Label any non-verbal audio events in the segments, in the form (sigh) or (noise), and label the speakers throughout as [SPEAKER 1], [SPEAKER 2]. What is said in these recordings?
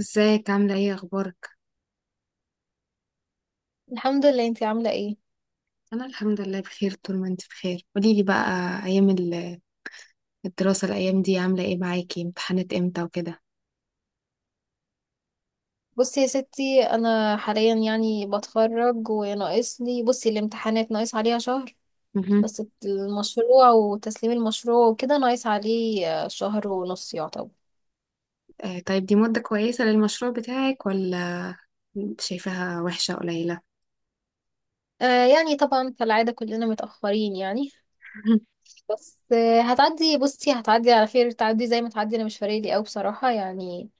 [SPEAKER 1] ازيك عاملة ايه اخبارك؟
[SPEAKER 2] الحمد لله، انتي عاملة ايه؟
[SPEAKER 1] انا الحمد لله بخير طول ما انت بخير، قوليلي بقى. ايام ال- الدراسة الايام دي عاملة ايه معاكي، امتحانات امتى وكده؟
[SPEAKER 2] بصي يا ستي انا حاليا يعني بتخرج وناقص لي، بصي الامتحانات ناقص عليها شهر.
[SPEAKER 1] مهم.
[SPEAKER 2] بس المشروع وتسليم المشروع وكده ناقص عليه شهر ونص يعتبر.
[SPEAKER 1] آه طيب، دي مدة كويسة للمشروع بتاعك ولا شايفاها وحشة قليلة؟
[SPEAKER 2] آه يعني طبعا كالعادة كلنا متأخرين يعني.
[SPEAKER 1] مهم.
[SPEAKER 2] بس آه هتعدي، بصي هتعدي على خير، تعدي زي ما تعدي انا مش فارق لي قوي بصراحة يعني.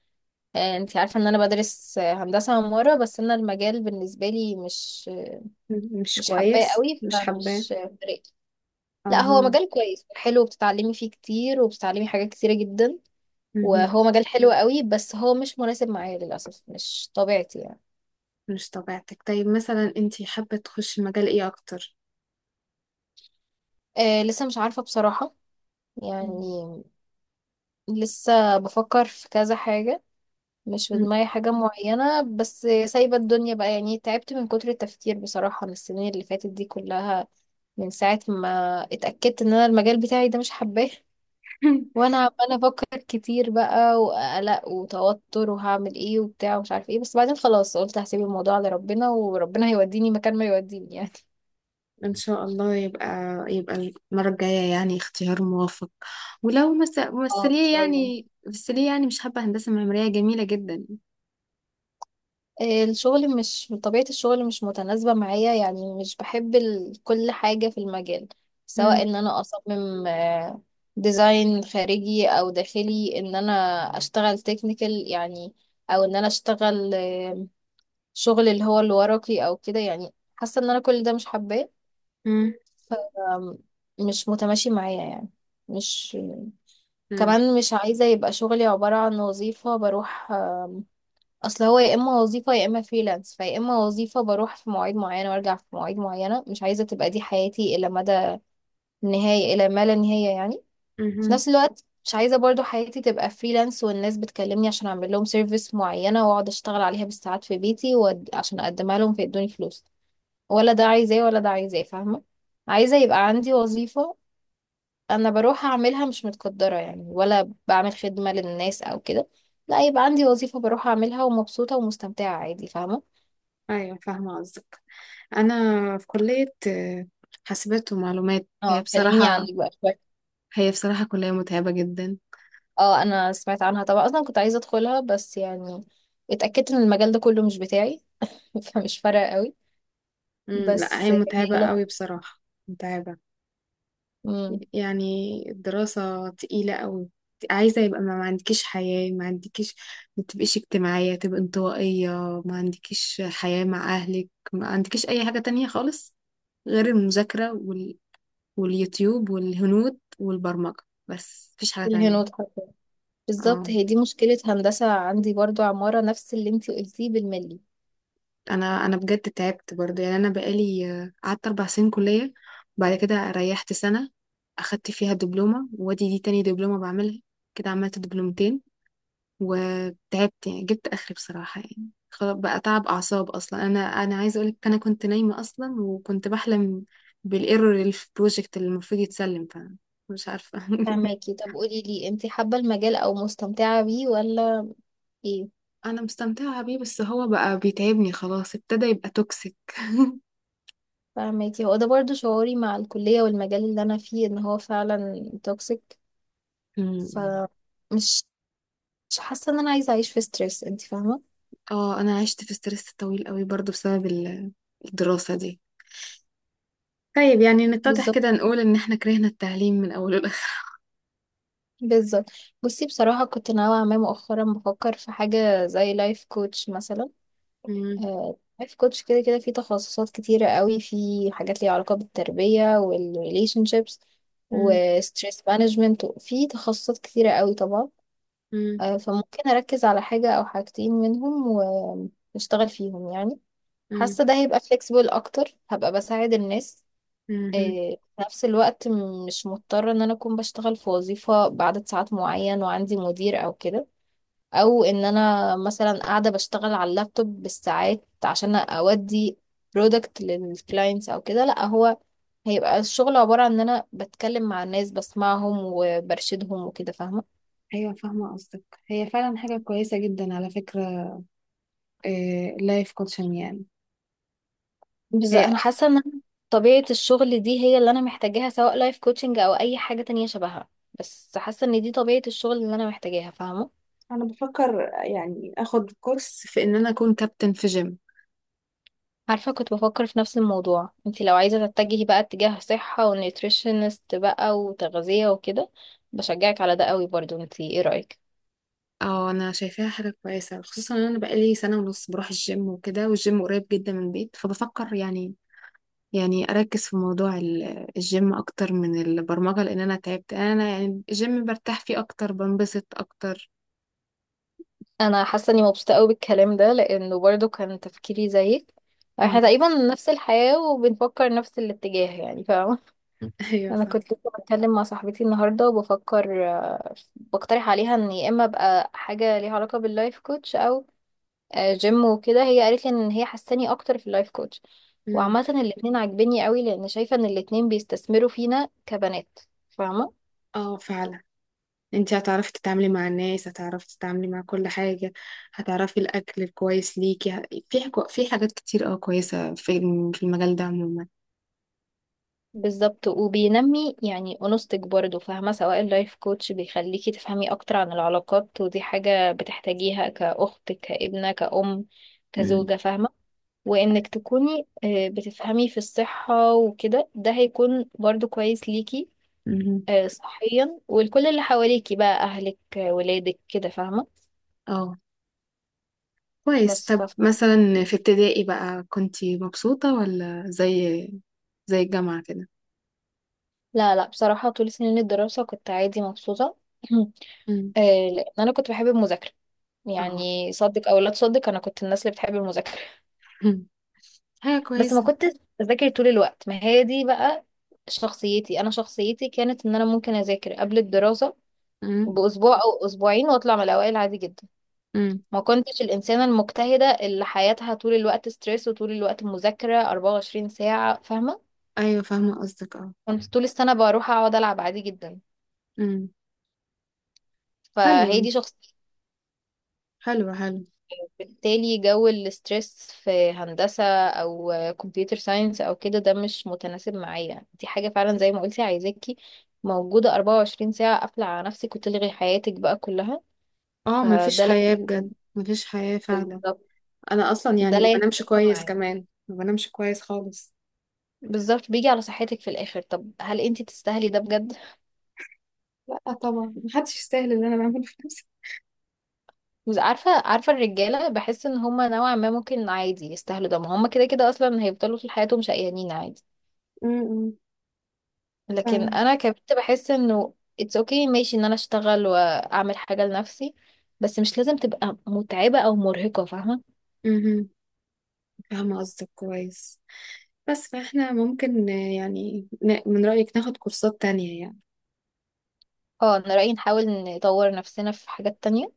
[SPEAKER 2] آه انتي عارفة ان انا بدرس هندسة عمارة، بس انا المجال بالنسبة لي مش
[SPEAKER 1] مش
[SPEAKER 2] مش حباه
[SPEAKER 1] كويس،
[SPEAKER 2] قوي،
[SPEAKER 1] مش حباه.
[SPEAKER 2] فمش فارق. لا هو
[SPEAKER 1] اها.
[SPEAKER 2] مجال كويس حلو، بتتعلمي فيه كتير وبتتعلمي حاجات كتيرة جدا،
[SPEAKER 1] مهم.
[SPEAKER 2] وهو مجال حلو قوي بس هو مش مناسب معايا للأسف، مش طبيعتي يعني.
[SPEAKER 1] مش طبيعتك، طيب مثلا انت حابة تخشي مجال ايه اكتر؟
[SPEAKER 2] آه لسه مش عارفة بصراحة
[SPEAKER 1] مم.
[SPEAKER 2] يعني. لسه بفكر في كذا حاجة، مش في
[SPEAKER 1] مم.
[SPEAKER 2] دماغي حاجة معينة، بس سايبة الدنيا بقى يعني، تعبت من كتر التفكير بصراحة من السنين اللي فاتت دي كلها، من ساعة ما اتأكدت ان انا المجال بتاعي ده مش حباه.
[SPEAKER 1] (laughs)
[SPEAKER 2] وانا عماله افكر كتير بقى، وقلق وتوتر وهعمل ايه وبتاع ومش عارف ايه، بس بعدين خلاص قلت هسيب الموضوع لربنا، وربنا هيوديني مكان ما يوديني يعني.
[SPEAKER 1] ان شاء الله، يبقى المره الجايه يعني اختيار موفق. ولو
[SPEAKER 2] اه ان
[SPEAKER 1] ممثليه
[SPEAKER 2] شاء الله.
[SPEAKER 1] يعني ممثليه يعني مش حابه، هندسه معماريه جميله جدا.
[SPEAKER 2] (laughs) الشغل، مش طبيعة الشغل مش متناسبة معايا يعني، مش بحب ال... كل حاجة في المجال، سواء
[SPEAKER 1] مم.
[SPEAKER 2] ان انا اصمم ديزاين خارجي او داخلي، ان انا اشتغل تكنيكال يعني، او ان انا اشتغل شغل اللي هو الورقي او كده يعني، حاسة ان انا كل ده مش حباه،
[SPEAKER 1] مم.
[SPEAKER 2] مش متماشي معايا يعني. مش
[SPEAKER 1] مم.
[SPEAKER 2] كمان مش عايزة يبقى شغلي عبارة عن وظيفة بروح. اصل هو يا اما وظيفة يا اما فريلانس، فيا اما وظيفة بروح في مواعيد معينة وارجع في مواعيد معينة، مش عايزة تبقى دي حياتي الى مدى النهاية الى ما لا نهاية يعني. في
[SPEAKER 1] مم.
[SPEAKER 2] نفس الوقت مش عايزة برضو حياتي تبقى فريلانس والناس بتكلمني عشان اعمل لهم سيرفيس معينة واقعد اشتغل عليها بالساعات في بيتي، وعشان اقدمها لهم فيدوني فلوس. ولا ده عايزاه ولا ده عايزاه، فاهمة؟ عايزة يبقى عندي وظيفة انا بروح اعملها، مش متقدرة يعني ولا بعمل خدمة للناس او كده، لا يبقى عندي وظيفة بروح اعملها ومبسوطة ومستمتعة عادي، فاهمة؟
[SPEAKER 1] ايوه فاهمه قصدك، انا في كليه حاسبات ومعلومات، هي
[SPEAKER 2] اه كلميني
[SPEAKER 1] بصراحه
[SPEAKER 2] عنك بقى شوية.
[SPEAKER 1] هي بصراحه كليه متعبه جدا.
[SPEAKER 2] اه انا سمعت عنها طبعا، اصلا كنت عايزة ادخلها بس يعني اتأكدت ان المجال ده كله مش بتاعي. (laughs) فمش فارقة قوي.
[SPEAKER 1] مم. لا
[SPEAKER 2] بس
[SPEAKER 1] هي
[SPEAKER 2] هي
[SPEAKER 1] متعبه قوي
[SPEAKER 2] لطيفة.
[SPEAKER 1] بصراحه، متعبه
[SPEAKER 2] امم.
[SPEAKER 1] يعني، الدراسة تقيلة أوي. عايزة يبقى ما عندكيش حياة، ما عندكيش، ما تبقيش اجتماعية، تبقى انطوائية، ما عندكيش حياة مع أهلك، ما عندكيش أي حاجة تانية خالص غير المذاكرة واليوتيوب والهنود والبرمجة، بس مفيش حاجة
[SPEAKER 2] الهنود
[SPEAKER 1] تانية.
[SPEAKER 2] حرفيا، بالظبط
[SPEAKER 1] اه،
[SPEAKER 2] هي دي مشكلة هندسة عندي برضو عمارة، نفس اللي انتي قلتيه بالملي.
[SPEAKER 1] أنا بجد تعبت برضه، يعني أنا بقالي قعدت 4 سنين كلية، وبعد كده ريحت سنة أخدت فيها دبلومة، وادي دي تاني دبلومة بعملها، كده عملت دبلومتين وتعبت، يعني جبت اخري بصراحة، يعني خلاص بقى تعب اعصاب، اصلا انا عايزة اقولك، انا كنت نايمة اصلا وكنت بحلم بالايرور اللي في البروجكت اللي المفروض يتسلم، فمش عارفة. (laughs)
[SPEAKER 2] فهماكي؟ طب قولي لي انتي حابة المجال او مستمتعة بيه ولا ايه؟
[SPEAKER 1] انا مستمتعة بيه، بس هو بقى بيتعبني، خلاص ابتدى يبقى توكسيك. (laughs)
[SPEAKER 2] فاهماكي، هو ده برضو شعوري مع الكلية والمجال اللي أنا فيه، إن هو فعلا توكسيك.
[SPEAKER 1] مم.
[SPEAKER 2] فمش، مش حاسة إن أنا عايزة أعيش في ستريس، أنت فاهمة؟
[SPEAKER 1] اه، انا عشت في ستريس طويل قوي برضو بسبب الدراسة دي. طيب يعني نتضح
[SPEAKER 2] بالظبط،
[SPEAKER 1] كده، نقول ان احنا كرهنا التعليم من اوله لاخره.
[SPEAKER 2] بالظبط. بصي بصراحة كنت ناوية، ما مؤخرا بفكر في حاجة زي لايف كوتش مثلا.
[SPEAKER 1] مم،
[SPEAKER 2] لايف كوتش كده كده في تخصصات كتيرة قوي، في حاجات ليها علاقة بالتربية والريليشن شيبس
[SPEAKER 1] مم،
[SPEAKER 2] وستريس مانجمنت، في تخصصات كتيرة قوي طبعا.
[SPEAKER 1] مم،
[SPEAKER 2] فممكن أركز على حاجة أو حاجتين منهم و... اشتغل فيهم يعني. حاسة ده هيبقى flexible اكتر، هبقى بساعد الناس.
[SPEAKER 1] مم، مم.
[SPEAKER 2] إيه، في نفس الوقت مش مضطرة ان انا اكون بشتغل في وظيفة بعدد ساعات معين وعندي مدير او كده، او ان انا مثلا قاعدة بشتغل على اللابتوب بالساعات عشان اودي برودكت للكلاينتس او كده. لا هو هيبقى الشغل عبارة عن ان انا بتكلم مع الناس، بسمعهم وبرشدهم وكده، فاهمة؟
[SPEAKER 1] ايوه فاهمه قصدك، هي فعلا حاجه كويسه جدا على فكره، اللايف كوتشنج يعني.
[SPEAKER 2] بس
[SPEAKER 1] هي
[SPEAKER 2] انا حاسه ان أنا طبيعه الشغل دي هي اللي انا محتاجاها، سواء لايف كوتشنج او اي حاجه تانية شبهها، بس حاسه ان دي طبيعه الشغل اللي انا محتاجاها، فاهمه؟
[SPEAKER 1] انا بفكر يعني اخد كورس في ان انا اكون كابتن في جيم.
[SPEAKER 2] عارفه كنت بفكر في نفس الموضوع. انت لو عايزه تتجهي بقى اتجاه صحه ونيوتريشنست بقى وتغذيه وكده، بشجعك على ده قوي برضو، انت ايه رايك؟
[SPEAKER 1] اه انا شايفاها حاجه كويسه، خصوصا ان انا بقالي سنه ونص بروح الجيم وكده، والجيم قريب جدا من البيت، فبفكر يعني، يعني اركز في موضوع الجيم اكتر من البرمجه، لان انا تعبت، انا يعني الجيم برتاح فيه اكتر، بنبسط اكتر.
[SPEAKER 2] انا حاسه اني مبسوطه قوي بالكلام ده لانه برضو كان تفكيري زيك. احنا
[SPEAKER 1] مم.
[SPEAKER 2] تقريبا نفس الحياه وبنفكر نفس الاتجاه يعني، فاهمه؟
[SPEAKER 1] (laughs) ايوه
[SPEAKER 2] انا
[SPEAKER 1] فاهمه.
[SPEAKER 2] كنت لسه بتكلم مع صاحبتي النهارده وبفكر، بقترح عليها ان يا اما ابقى حاجه ليها علاقه باللايف كوتش او جيم وكده، هي قالت لي ان هي حاساني اكتر في اللايف كوتش.
[SPEAKER 1] مم.
[SPEAKER 2] وعامه الاتنين عاجبني قوي، لان شايفه ان الاتنين بيستثمروا فينا كبنات، فاهمه؟
[SPEAKER 1] اه فعلا، انت هتعرفي تتعاملي مع الناس، هتعرفي تتعاملي مع كل حاجة، هتعرفي الأكل الكويس ليكي، في حاجات كتير اه كويسة في في المجال ده عموما.
[SPEAKER 2] بالظبط، وبينمي يعني انوثتك برضه، فاهمه؟ سواء اللايف كوتش بيخليكي تفهمي اكتر عن العلاقات، ودي حاجه بتحتاجيها كاخت كابنه كأم
[SPEAKER 1] مم.
[SPEAKER 2] كزوجه، فاهمه؟ وانك تكوني بتفهمي في الصحة وكده، ده هيكون برضو كويس ليكي
[SPEAKER 1] مم.
[SPEAKER 2] صحيا ولكل اللي حواليكي بقى، اهلك ولادك كده، فاهمة؟
[SPEAKER 1] اه كويس،
[SPEAKER 2] بس
[SPEAKER 1] طب
[SPEAKER 2] ف...
[SPEAKER 1] مثلا
[SPEAKER 2] (laughs)
[SPEAKER 1] في ابتدائي بقى كنتي مبسوطة ولا زي الجامعة كده؟
[SPEAKER 2] لا لا بصراحة طول سنين الدراسة كنت عادي مبسوطة. (clears throat)
[SPEAKER 1] مم.
[SPEAKER 2] آه، لأن أنا كنت بحب المذاكرة.
[SPEAKER 1] اه.
[SPEAKER 2] يعني صدق أو لا تصدق أنا كنت الناس اللي بتحب المذاكرة.
[SPEAKER 1] مم. حاجة
[SPEAKER 2] بس ما
[SPEAKER 1] كويسة.
[SPEAKER 2] كنتش بذاكر طول الوقت، ما هي دي بقى شخصيتي. أنا شخصيتي كانت إن أنا ممكن أذاكر قبل الدراسة
[SPEAKER 1] مم.
[SPEAKER 2] بأسبوع أو أسبوعين وأطلع من الأوائل عادي جدا.
[SPEAKER 1] مم.
[SPEAKER 2] ما كنتش الإنسانة المجتهدة اللي حياتها طول الوقت ستريس وطول الوقت مذاكرة 24 ساعة، فاهمة؟
[SPEAKER 1] أيوة فاهمة قصدك، اه.
[SPEAKER 2] كنت طول السنة بروح أقعد ألعب عادي جدا.
[SPEAKER 1] مم.
[SPEAKER 2] فهي
[SPEAKER 1] حلو،
[SPEAKER 2] دي شخصيتي.
[SPEAKER 1] حلو، حلو.
[SPEAKER 2] بالتالي جو الستريس في هندسة أو كمبيوتر ساينس أو كده، ده مش متناسب معايا، دي حاجة فعلا زي ما قلتي عايزاكي موجودة 24 ساعة قافلة على نفسك وتلغي حياتك بقى كلها.
[SPEAKER 1] اه مفيش
[SPEAKER 2] فده لا،
[SPEAKER 1] حياة بجد، مفيش حياة فعلا.
[SPEAKER 2] بالظبط.
[SPEAKER 1] انا اصلا يعني
[SPEAKER 2] ده
[SPEAKER 1] ما
[SPEAKER 2] لا
[SPEAKER 1] بنامش
[SPEAKER 2] يتناسب
[SPEAKER 1] كويس
[SPEAKER 2] معايا.
[SPEAKER 1] كمان، ما بنامش كويس خالص.
[SPEAKER 2] بالظبط، بيجي على صحتك في الآخر، طب هل انتي تستاهلي ده بجد؟
[SPEAKER 1] لا طبعا، محدش يستاهل اللي انا بعمله في نفسي.
[SPEAKER 2] بس عارفة، عارفة الرجالة بحس ان هما نوعا ما ممكن عادي يستاهلوا ده، ما هما كده كده اصلا هيفضلوا طول حياتهم شقيانين عادي.
[SPEAKER 1] امم.
[SPEAKER 2] لكن
[SPEAKER 1] فاهم.
[SPEAKER 2] انا كبنت بحس انه it's okay ماشي ان انا اشتغل واعمل حاجة لنفسي، بس مش لازم تبقى متعبة او مرهقة، فاهمة؟
[SPEAKER 1] امم. فاهمة قصدك كويس. بس فاحنا ممكن يعني من رأيك ناخد كورسات تانية يعني.
[SPEAKER 2] اه انا رأيي نحاول نطور نفسنا في حاجات تانية،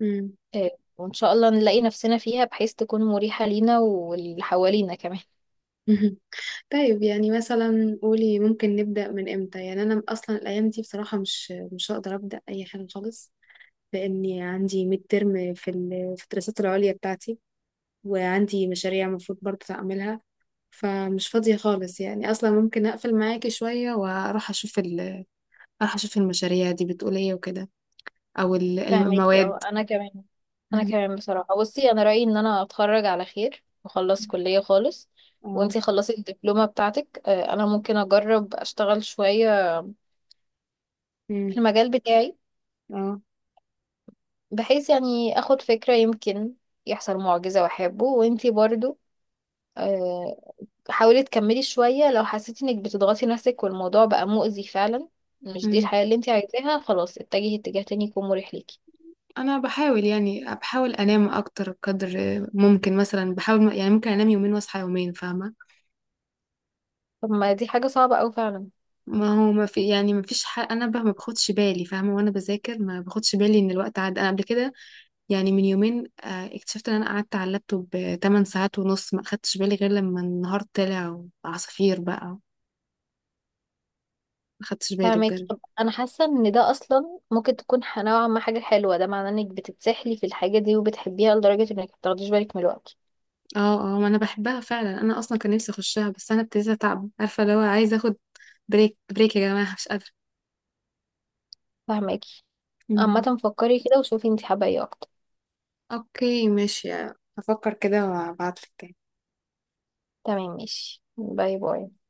[SPEAKER 1] امم.
[SPEAKER 2] آه، وان شاء الله نلاقي نفسنا فيها بحيث تكون مريحة لينا واللي حوالينا كمان.
[SPEAKER 1] مهم. طيب يعني مثلا قولي، ممكن نبدأ من امتى؟ يعني انا اصلا الايام دي بصراحة مش هقدر أبدأ اي حاجة خالص، لاني عندي ميد ترم في في الدراسات العليا بتاعتي، وعندي مشاريع المفروض برضه اعملها، فمش فاضية خالص يعني، أصلا ممكن أقفل معاكي شوية وأروح أشوف أروح أشوف المشاريع دي بتقول إيه وكده، أو
[SPEAKER 2] فاهمكي؟
[SPEAKER 1] المواد.
[SPEAKER 2] انا
[SPEAKER 1] مم.
[SPEAKER 2] كمان بصراحه، بصي انا رايي ان انا اتخرج على خير واخلص كليه خالص،
[SPEAKER 1] اه.
[SPEAKER 2] وانتي خلصي الدبلومه بتاعتك. انا ممكن اجرب اشتغل شويه في
[SPEAKER 1] مم.
[SPEAKER 2] المجال بتاعي،
[SPEAKER 1] اه.
[SPEAKER 2] بحيث يعني اخد فكره، يمكن يحصل معجزه واحبه. وانتي برضو آه، حاولي تكملي شويه، لو حسيتي انك بتضغطي نفسك والموضوع بقى مؤذي فعلا، مش دي
[SPEAKER 1] مم.
[SPEAKER 2] الحياه اللي انتي عايزاها، خلاص اتجهي اتجاه تاني يكون مريح ليكي.
[SPEAKER 1] أنا بحاول، يعني بحاول أنام أكتر قدر ممكن، مثلا بحاول يعني ممكن أنام يومين وأصحى يومين، فاهمة.
[SPEAKER 2] طب ما دي حاجه صعبه اوي فعلا.
[SPEAKER 1] ما هو ما في يعني ما فيش حق، أنا بقى ما باخدش بالي، فاهمة، وأنا بذاكر ما باخدش بالي إن الوقت عدى، أنا قبل كده يعني من يومين اكتشفت ان انا قعدت على اللابتوب 8 ساعات ونص، ما اخدتش بالي غير لما النهار طلع وعصافير، بقى ما اخدتش بالي
[SPEAKER 2] فاهمك.
[SPEAKER 1] بجد.
[SPEAKER 2] طب انا حاسه ان ده اصلا ممكن تكون نوعا ما حاجه حلوه، ده معناه انك بتتسحلي في الحاجه دي وبتحبيها لدرجه انك متاخديش بالك من الوقت.
[SPEAKER 1] اه اه، ما انا بحبها فعلا، انا اصلا كان نفسي اخشها، بس انا ابتديت اتعب، عارفه لو عايزه اخد بريك، بريك يا جماعه، مش قادره.
[SPEAKER 2] فاهمك.
[SPEAKER 1] مم.
[SPEAKER 2] عامه فكري كده وشوفي انت حابه ايه اكتر.
[SPEAKER 1] اوكي ماشي، هفكر كده وابعتلك.
[SPEAKER 2] تمام ماشي، باي باي.